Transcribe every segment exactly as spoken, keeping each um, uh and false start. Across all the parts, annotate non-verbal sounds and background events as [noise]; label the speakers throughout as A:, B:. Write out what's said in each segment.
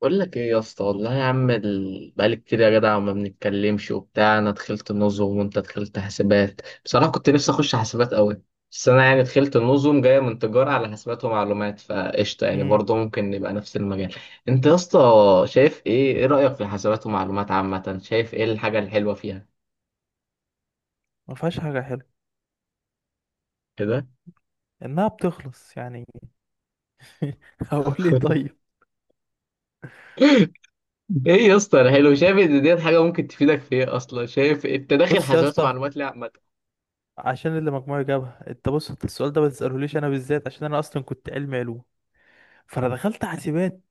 A: بقول لك ايه يا اسطى، والله يا عم، ال- بقالي كتير يا جدع ما بنتكلمش وبتاع. انا دخلت النظم وانت دخلت حاسبات. بصراحه كنت نفسي اخش حاسبات قوي. بس انا يعني دخلت النظم جايه من تجاره على حاسبات ومعلومات، فقشطه يعني
B: امم
A: برضه ممكن نبقى نفس المجال. انت يا اسطى شايف ايه ايه رايك في حاسبات ومعلومات عامه؟ شايف ايه الحاجه الحلوه فيها؟
B: ما فيهاش حاجه حلوه،
A: كده؟
B: انها بتخلص يعني. [laughs] هقول ايه
A: [laughs]
B: طيب؟
A: ايه يا اسطى الحلو؟ شايف ان ديت حاجه ممكن تفيدك في ايه اصلا؟ شايف إيه؟ انت داخل
B: بص يا
A: حاسبات
B: اسطى،
A: ومعلومات ليه عامه؟
B: عشان اللي مجموعي جابها، انت بص، انت السؤال ده ما تسالهوليش انا بالذات، عشان انا اصلا كنت علمي علوم، فانا دخلت حاسبات.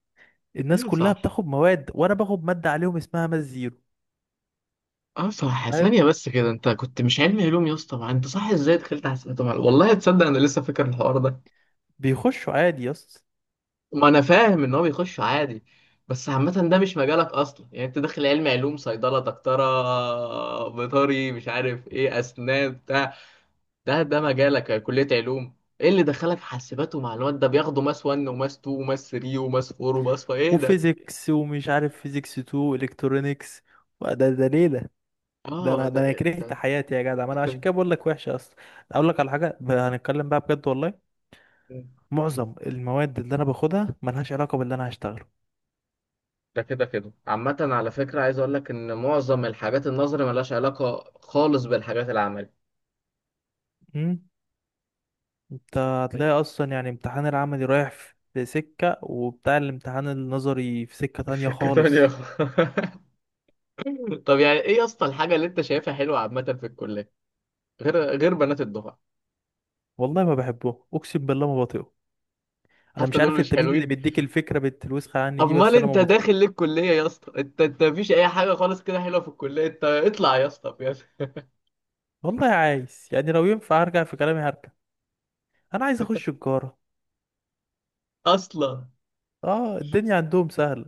B: الناس
A: ايوه
B: كلها
A: صح.
B: بتاخد مواد وانا باخد ماده عليهم اسمها ماس زيرو،
A: اه صح.
B: فاهم؟
A: ثانية بس كده، انت كنت مش علمي علوم يا اسطى، ما انت صح، ازاي دخلت حاسبات ومعلومات؟ والله تصدق انا لسه فاكر الحوار ده.
B: بيخشوا عادي يا اسطى.
A: ما انا فاهم ان هو بيخش عادي، بس عامة ده مش مجالك اصلا يعني. انت داخل علمي علوم، صيدلة، دكتورة، بيطري، مش عارف ايه، اسنان، بتاع. ده ده مجالك كلية علوم. ايه اللي دخلك حاسبات ومعلومات؟ ده بياخدوا ماس واحد وماس اتنين وماس تلاتة وماس اربعة وماس خمسة، ايه ده؟
B: وفيزيكس ومش عارف فيزيكس تو، الكترونيكس، وده ده ليله. ده
A: اه
B: انا
A: ده.
B: ده انا
A: ده
B: كرهت حياتي يا جدع، ما انا عشان كده بقول لك وحشه اصلا. اقول لك على حاجه، ب- هنتكلم بقى بجد والله.
A: [laughs]
B: معظم المواد اللي انا باخدها ملهاش علاقة باللي انا هشتغله.
A: ده كده كده عامة. على فكرة، عايز أقول لك إن معظم الحاجات النظري ملهاش علاقة خالص بالحاجات العملي.
B: امم انت هتلاقي اصلا يعني امتحان العملي رايح في في سكة وبتاع، الامتحان النظري في سكة
A: [laughs]
B: تانية
A: سكة تانية
B: خالص.
A: خالص. طب يعني إيه يا اسطى الحاجة اللي أنت شايفها حلوة عامة في الكلية، غير غير بنات الدفعة؟
B: والله ما بحبه، اقسم بالله ما بطيقه. انا
A: حتى
B: مش
A: دول
B: عارف
A: مش
B: التمييز اللي
A: حلوين؟
B: بيديك الفكرة بت- الوسخة عني دي،
A: أمال
B: بس انا
A: أنت
B: ما بطيقه.
A: داخل ليه الكلية يا اسطى؟ أنت أنت مفيش أي حاجة خالص كده حلوة في الكلية؟ أنت اطلع يا اسطى بجد.
B: والله عايز، يعني لو ينفع هرجع في كلامي هرجع. انا عايز اخش تجارة،
A: أصلا،
B: اه الدنيا عندهم سهلة.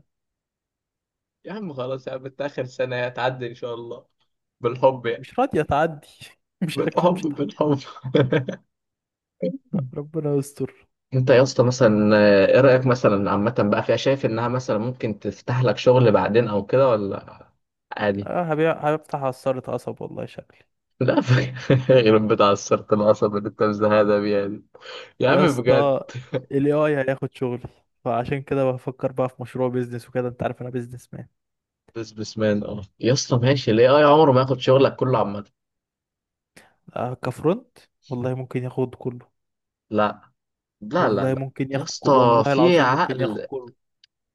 A: يا عم خلاص يا عم، أنت آخر سنة هتعدي إن شاء الله، بالحب يعني.
B: مش راضية تعدي. [laughs] مش شكلها
A: بالحب
B: مش هتعدي.
A: بالحب [laughs]
B: ربنا يستر.
A: انت يا اسطى مثلا، آه، ايه رأيك مثلا عامة بقى فيها؟ شايف انها مثلا ممكن تفتح لك شغل بعدين او كده، ولا عادي؟
B: اه، هبيع هفتح عصارة قصب والله شكلي.
A: لا. [laughs] غير بتاع السرطان العصب اللي انت مزهقها بيها دي. يا
B: يا
A: عم بجد.
B: اسطى ال إيه آي هياخد شغلي، فعشان كده بفكر بقى في مشروع بيزنس وكده، انت عارف انا بيزنس مان.
A: بزنس مان، اه يا اسطى ماشي، ليه اي عمره ما ياخد شغلك كله عامة.
B: آه، كفرونت، والله ممكن ياخد كله.
A: لا لا لا
B: والله
A: لا.
B: ممكن
A: يا
B: ياخد ك-
A: اسطى
B: والله
A: في
B: العظيم ممكن ياخد
A: عقل.
B: كله.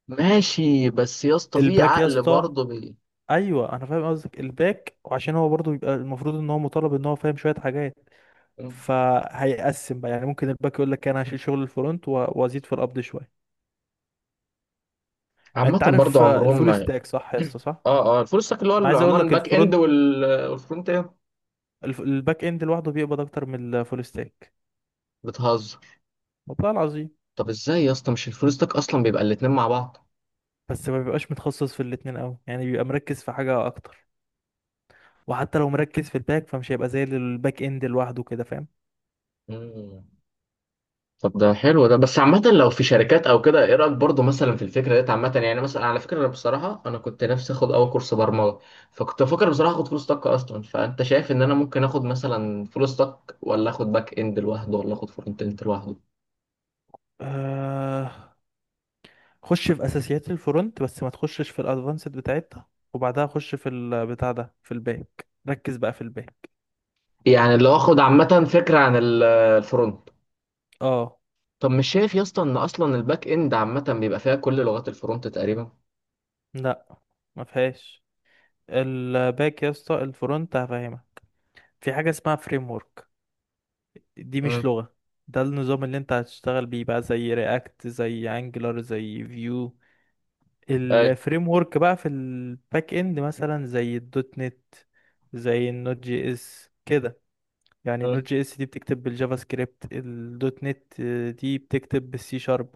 A: ماشي، بس يا اسطى في
B: الباك يا
A: عقل
B: اسطى،
A: برضه بي...
B: ايوه انا فاهم قصدك الباك، وعشان هو برضه بيبقى المفروض ان هو مطالب ان هو فاهم شويه حاجات، فهيقسم بقى. يعني ممكن الباك يقول لك انا هشيل شغل الفرونت و- وازيد في القبض شويه. ما
A: عامة
B: انت
A: برضه
B: عارف، آه،
A: عمرهم
B: الفول
A: ما.
B: ستاك صح يا اسطى، صح؟
A: اه اه الفول ستاك اللي هو
B: انا عايز اقول
A: العمال
B: لك
A: الباك اند
B: الفرونت،
A: وال- آه، والفرونت اند.
B: الف- الباك اند لوحده بيقبض اكتر من الفول ستاك.
A: بتهزر.
B: والله العظيم.
A: طب ازاي يا اسطى؟ مش الفلوسك اصلا بيبقى الاتنين مع بعض.
B: بس ما بيبقاش متخصص في الاتنين قوي، يعني بيبقى مركز في حاجة اكتر. وحتى لو مركز في الباك، فمش هيبقى زي الباك اند لوحده كده، فاهم.
A: مم. طب ده حلو ده، بس عامة لو في شركات او كده ايه رأيك برضه مثلا في الفكرة ديت عامة؟ يعني مثلا على فكرة، انا بصراحة انا كنت نفسي اخد اول كورس برمجة. فكنت بفكر بصراحة اخد فلوس طاقة اصلا، فانت شايف ان انا ممكن اخد مثلا فلوس طاقة، ولا اخد باك اند لوحده، ولا اخد فرونت اند لوحده؟
B: آه... خش في اساسيات الفرونت بس ما تخشش في الادفانسد بتاعتها، وبعدها خش في البتاع ده في الباك، ركز بقى في الباك.
A: يعني لو اخد عامة فكرة عن ال- الفرونت.
B: اه،
A: طب مش شايف يا اسطى ان اصلا الباك اند عامة بيبقى فيها كل لغات الفرونت تقريبا؟
B: لا، ما فيهاش. الباك يا اسطى، الفرونت هفهمك. في حاجة اسمها فريم ورك، دي مش
A: امم.
B: لغة، ده النظام اللي انت هتشتغل بيه بقى، زي رياكت، زي انجلر، زي فيو.
A: اي،
B: الفريم ورك بقى في الباك اند مثلا زي الدوت نت، زي النوت جي اس كده. يعني النوت جي اس دي بتكتب بالجافا سكريبت، الدوت نت دي بتكتب بالسي شارب.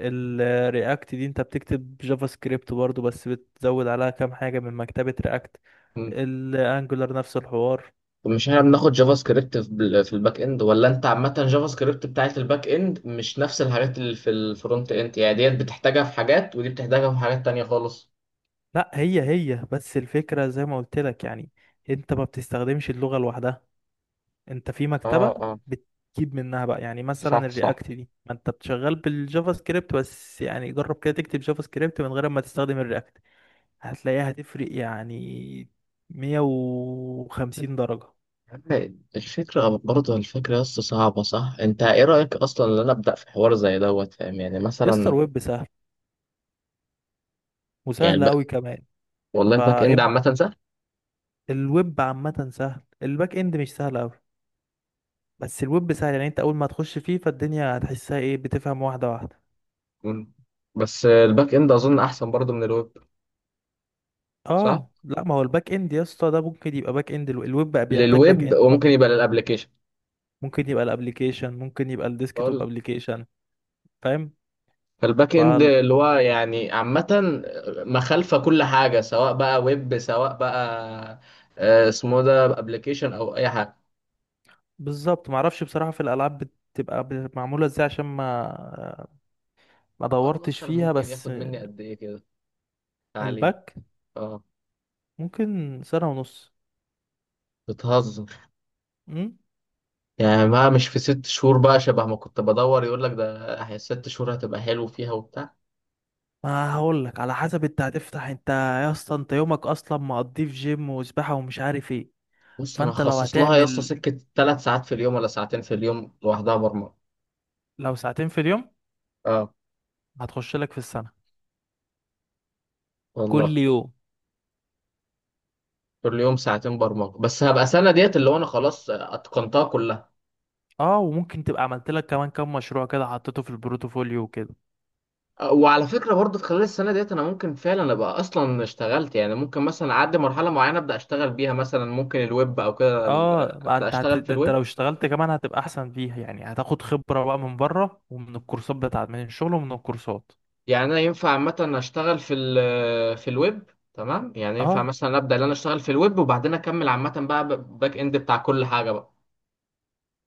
B: الرياكت دي انت بتكتب جافا سكريبت برضو، بس بتزود عليها كام حاجة من مكتبة رياكت. الانجولار نفس الحوار.
A: مش احنا بناخد جافا سكريبت في بال- في الباك اند؟ ولا انت عامة جافا سكريبت بتاعت الباك اند مش نفس الحاجات اللي في الفرونت اند، يعني ديت بتحتاجها في حاجات ودي بتحتاجها في حاجات تانية خالص؟
B: لا، هي هي. بس الفكرة زي ما قلت لك يعني، انت ما بتستخدمش اللغة لوحدها، انت في
A: اه
B: مكتبة
A: اه.
B: بتجيب منها بقى. يعني مثلا
A: صح صح.
B: الرياكت دي، ما انت بتشغل بالجافا سكريبت بس، يعني جرب كده تكتب جافا سكريبت من غير ما تستخدم الرياكت، هتلاقيها هتفرق يعني مية وخمسين درجة.
A: الفكرة برضه الفكرة بس صعبة صح؟ أنت إيه رأيك أصلا إن أنا أبدأ في حوار زي دوت؟ فاهم يعني
B: يستر،
A: مثلا.
B: ويب سهل،
A: يعني
B: وسهل
A: الب...
B: قوي كمان.
A: والله الباك إند
B: فاب،
A: عامة سهل.
B: الويب عامة سهل، الباك اند مش سهل قوي، بس الويب سهل. يعني انت اول ما تخش فيه فالدنيا هتحسها ايه، بتفهم واحدة واحدة.
A: مم. بس الباك إند أظن أحسن برضه من الويب، صح؟
B: اه، لا، ما هو الباك اند يا اسطى ده ممكن يبقى باك اند. الويب بقى بيحتاج باك
A: للويب،
B: اند،
A: وممكن يبقى للأبليكيشن.
B: ممكن يبقى الابليكيشن، ممكن يبقى الديسكتوب ابليكيشن، فاهم.
A: فالباك اند
B: فال-
A: اللي هو يعني عامة مخالفة كل حاجة، سواء بقى ويب، سواء بقى آه، اسمه ده ابلكيشن او اي حاجة.
B: بالظبط، معرفش بصراحة في الالعاب بتبقى ب- معمولة ازاي، عشان ما ما
A: الحوار
B: دورتش
A: مثلا
B: فيها
A: ممكن
B: بس.
A: ياخد مني قد ايه كده تعليم؟
B: الباك
A: اه.
B: ممكن سنة ونص.
A: بتهزر.
B: امم
A: يعني بقى مش في ست شهور بقى، شبه ما كنت بدور يقول لك ده، هي ست شهور هتبقى حلو فيها وبتاع.
B: ما هقول لك على حسب، انت هتفتح، انت يا اسطى انت يومك اصلا مقضيه في جيم وسباحة ومش عارف ايه.
A: بص انا
B: فانت لو
A: هخصص لها يا اسطى
B: هتعمل،
A: سكة ثلاث ساعات في اليوم، ولا ساعتين في اليوم لوحدها برمجة.
B: لو ساعتين في اليوم،
A: اه.
B: هتخش لك في السنة
A: والله.
B: كل يوم.
A: كل يوم ساعتين برمجة بس هبقى سنة ديت اللي هو انا خلاص اتقنتها كلها.
B: اه، وممكن تبقى عملت لك كمان كام مشروع كده حطيته في البروتوفوليو وكده.
A: وعلى فكرة برضه خلال السنة ديت أنا ممكن فعلا أبقى أصلا اشتغلت، يعني ممكن مثلا أعدي مرحلة معينة أبدأ أشتغل بيها، مثلا ممكن الويب أو كده ال-
B: اه، ما
A: أبدأ
B: انت هت...
A: أشتغل في
B: ده انت
A: الويب.
B: لو اشتغلت كمان هتبقى احسن فيها، يعني هتاخد خبرة بقى من بره ومن الكورسات، بتاعت من الشغل ومن الكورسات.
A: يعني أنا ينفع عامة أشتغل في ال في الويب تمام؟ يعني ينفع
B: اه
A: مثلا أبدأ إن أنا أشتغل في الويب وبعدين أكمل عامة بقى ب- باك إند بتاع كل حاجة بقى؟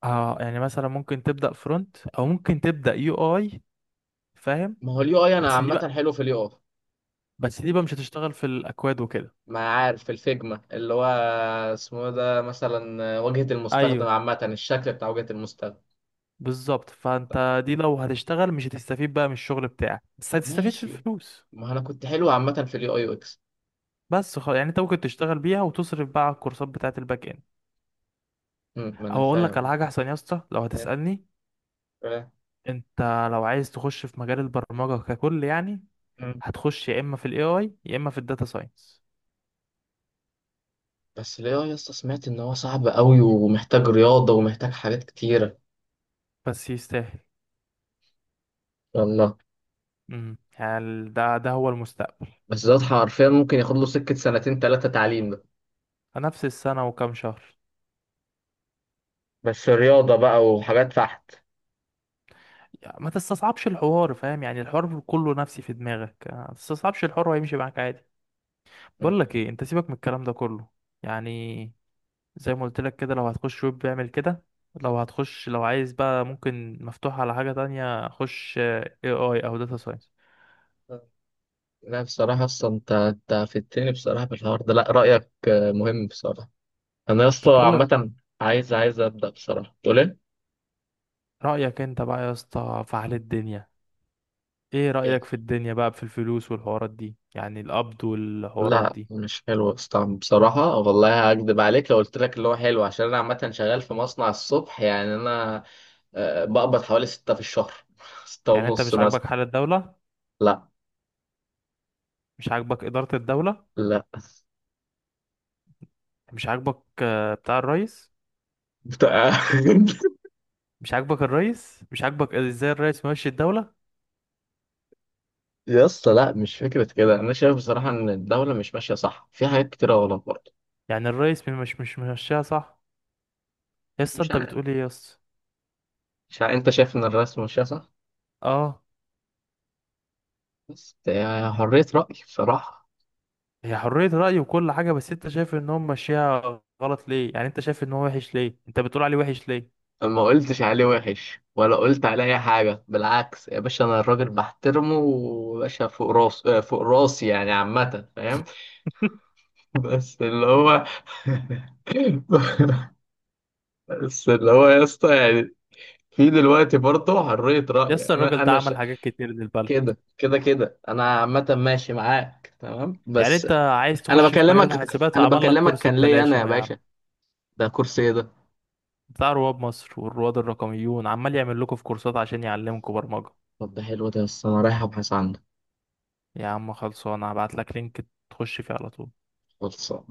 B: اه، يعني مثلا ممكن تبدأ فرونت او ممكن تبدأ يو اي، فاهم.
A: ما هو اليو أي أنا
B: بس دي بقى
A: عامة حلو في اليو أي.
B: بس دي بقى مش هتشتغل في الاكواد وكده.
A: ما عارف في الفيجما اللي هو اسمه إيه ده، مثلا واجهة المستخدم
B: ايوه
A: عامة، الشكل بتاع واجهة المستخدم.
B: بالظبط، فانت دي لو هتشتغل مش هتستفيد بقى من الشغل بتاعك، بس هتستفيد في
A: ماشي.
B: الفلوس.
A: ما أنا كنت حلو عامة في اليو أي.
B: بس خلاص، يعني انت ممكن تشتغل بيها وتصرف بقى على الكورسات بتاعت الباك اند.
A: مم، ما انا
B: او اقول لك على
A: فاهم.
B: حاجه احسن يا اسطى لو
A: فاهم-
B: هتسالني،
A: فاهم.
B: انت لو عايز تخش في مجال البرمجة ككل يعني،
A: مم.
B: هتخش يا اما في الاي اي يا اما في الداتا ساينس،
A: بس ليه يا اسطى؟ سمعت ان هو صعب قوي ومحتاج رياضه ومحتاج حاجات كتيره.
B: بس يستاهل.
A: والله.
B: امم يعني ال- ده ده هو المستقبل.
A: بس ده حرفيا ممكن ياخد له سكه سنتين ثلاثه تعليم ده.
B: نفس السنة وكام شهر.
A: بس رياضه بقى وحاجات فحت.
B: يعني ما تستصعبش الحوار، فاهم يعني الحوار كله نفسي في دماغك. آه، ما تستصعبش الحوار وهيمشي معاك عادي. بقول
A: مم.
B: لك ايه، انت سيبك من الكلام ده كله يعني. زي ما قلت لك كده، لو هتخش ويب اعمل كده. لو هتخش لو عايز بقى، ممكن مفتوح على حاجة تانية، خش اي اي او داتا ساينس.
A: لا بصراحه اصلا، انت انت فدتني بصراحه في الحوار ده، لا رايك آه، مهم بصراحه. انا يا اسطى
B: طب بقول لك،
A: عامه عايز عايز ابدا بصراحه، تقول
B: رأيك انت بقى يا اسطى في حال الدنيا، ايه
A: ايه؟
B: رأيك في الدنيا بقى، في الفلوس والحوارات دي، يعني القبض والحوارات
A: لا
B: دي.
A: مش حلو يا اسطى بصراحة، والله هكدب عليك لو قلت لك اللي هو حلو، عشان أنا عامة شغال في مصنع الصبح، يعني أنا آه، بقبض حوالي ستة في الشهر. [laughs] ستة
B: يعني انت
A: ونص
B: مش
A: مثلا.
B: عاجبك حال الدولة،
A: لا.
B: مش عاجبك إدارة الدولة،
A: لا
B: مش عاجبك، آه، بتاع الرئيس،
A: بتاع-
B: مش عاجبك الرئيس، مش عاجبك ازاي الرئيس ماشي الدولة،
A: [laughs] يا اسطى لا مش فكرة كده، أنا شايف بصراحة إن الدولة مش ماشية صح في حاجات كتيرة غلط برضه.
B: يعني الرئيس مش مش ممشيها صح. يا اسطى
A: مش
B: انت
A: عارف.
B: بتقول ايه يا اسطى؟
A: مش عارف، أنت شايف إن الرئيس ماشية صح؟
B: اه.
A: بس هي حرية رأي بصراحة.
B: هي حرية رأي وكل حاجة، بس انت شايف ان هم ماشيها غلط ليه، يعني انت شايف ان هو وحش ليه، انت بتقول عليه وحش ليه؟
A: ما قلتش عليه وحش ولا قلت عليه اي حاجه، بالعكس يا باشا انا الراجل بحترمه وباشا فوق راس، آه، فوق راسي يعني عامه، فاهم؟
B: [laughs]
A: [laughs] بس اللي هو. [laughs] بس اللي هو يا اسطى يعني، في دلوقتي برضه حريه
B: يا اسطى
A: راي، انا
B: الراجل ده
A: انا ش...
B: عمل حاجات كتير للبلد.
A: كده كده كده انا عامه ماشي معاك تمام
B: يعني
A: بس.
B: انت عايز
A: انا
B: تخش في مجال
A: بكلمك.
B: الحاسبات
A: انا
B: عمل لك
A: بكلمك
B: كورس
A: كان ليا
B: ببلاش
A: انا يا
B: اهو يا عم،
A: باشا، ده كرسي ايه ده؟
B: بتاع رواد مصر والرواد الرقميون عمال يعمل لكم في كورسات عشان يعلمكم برمجة.
A: طب ده حلو ده يا اسطى، انا رايح ابحث عنه.
B: يا عم خلصانه، هبعت لك لينك تخش فيه على طول.
A: خلصان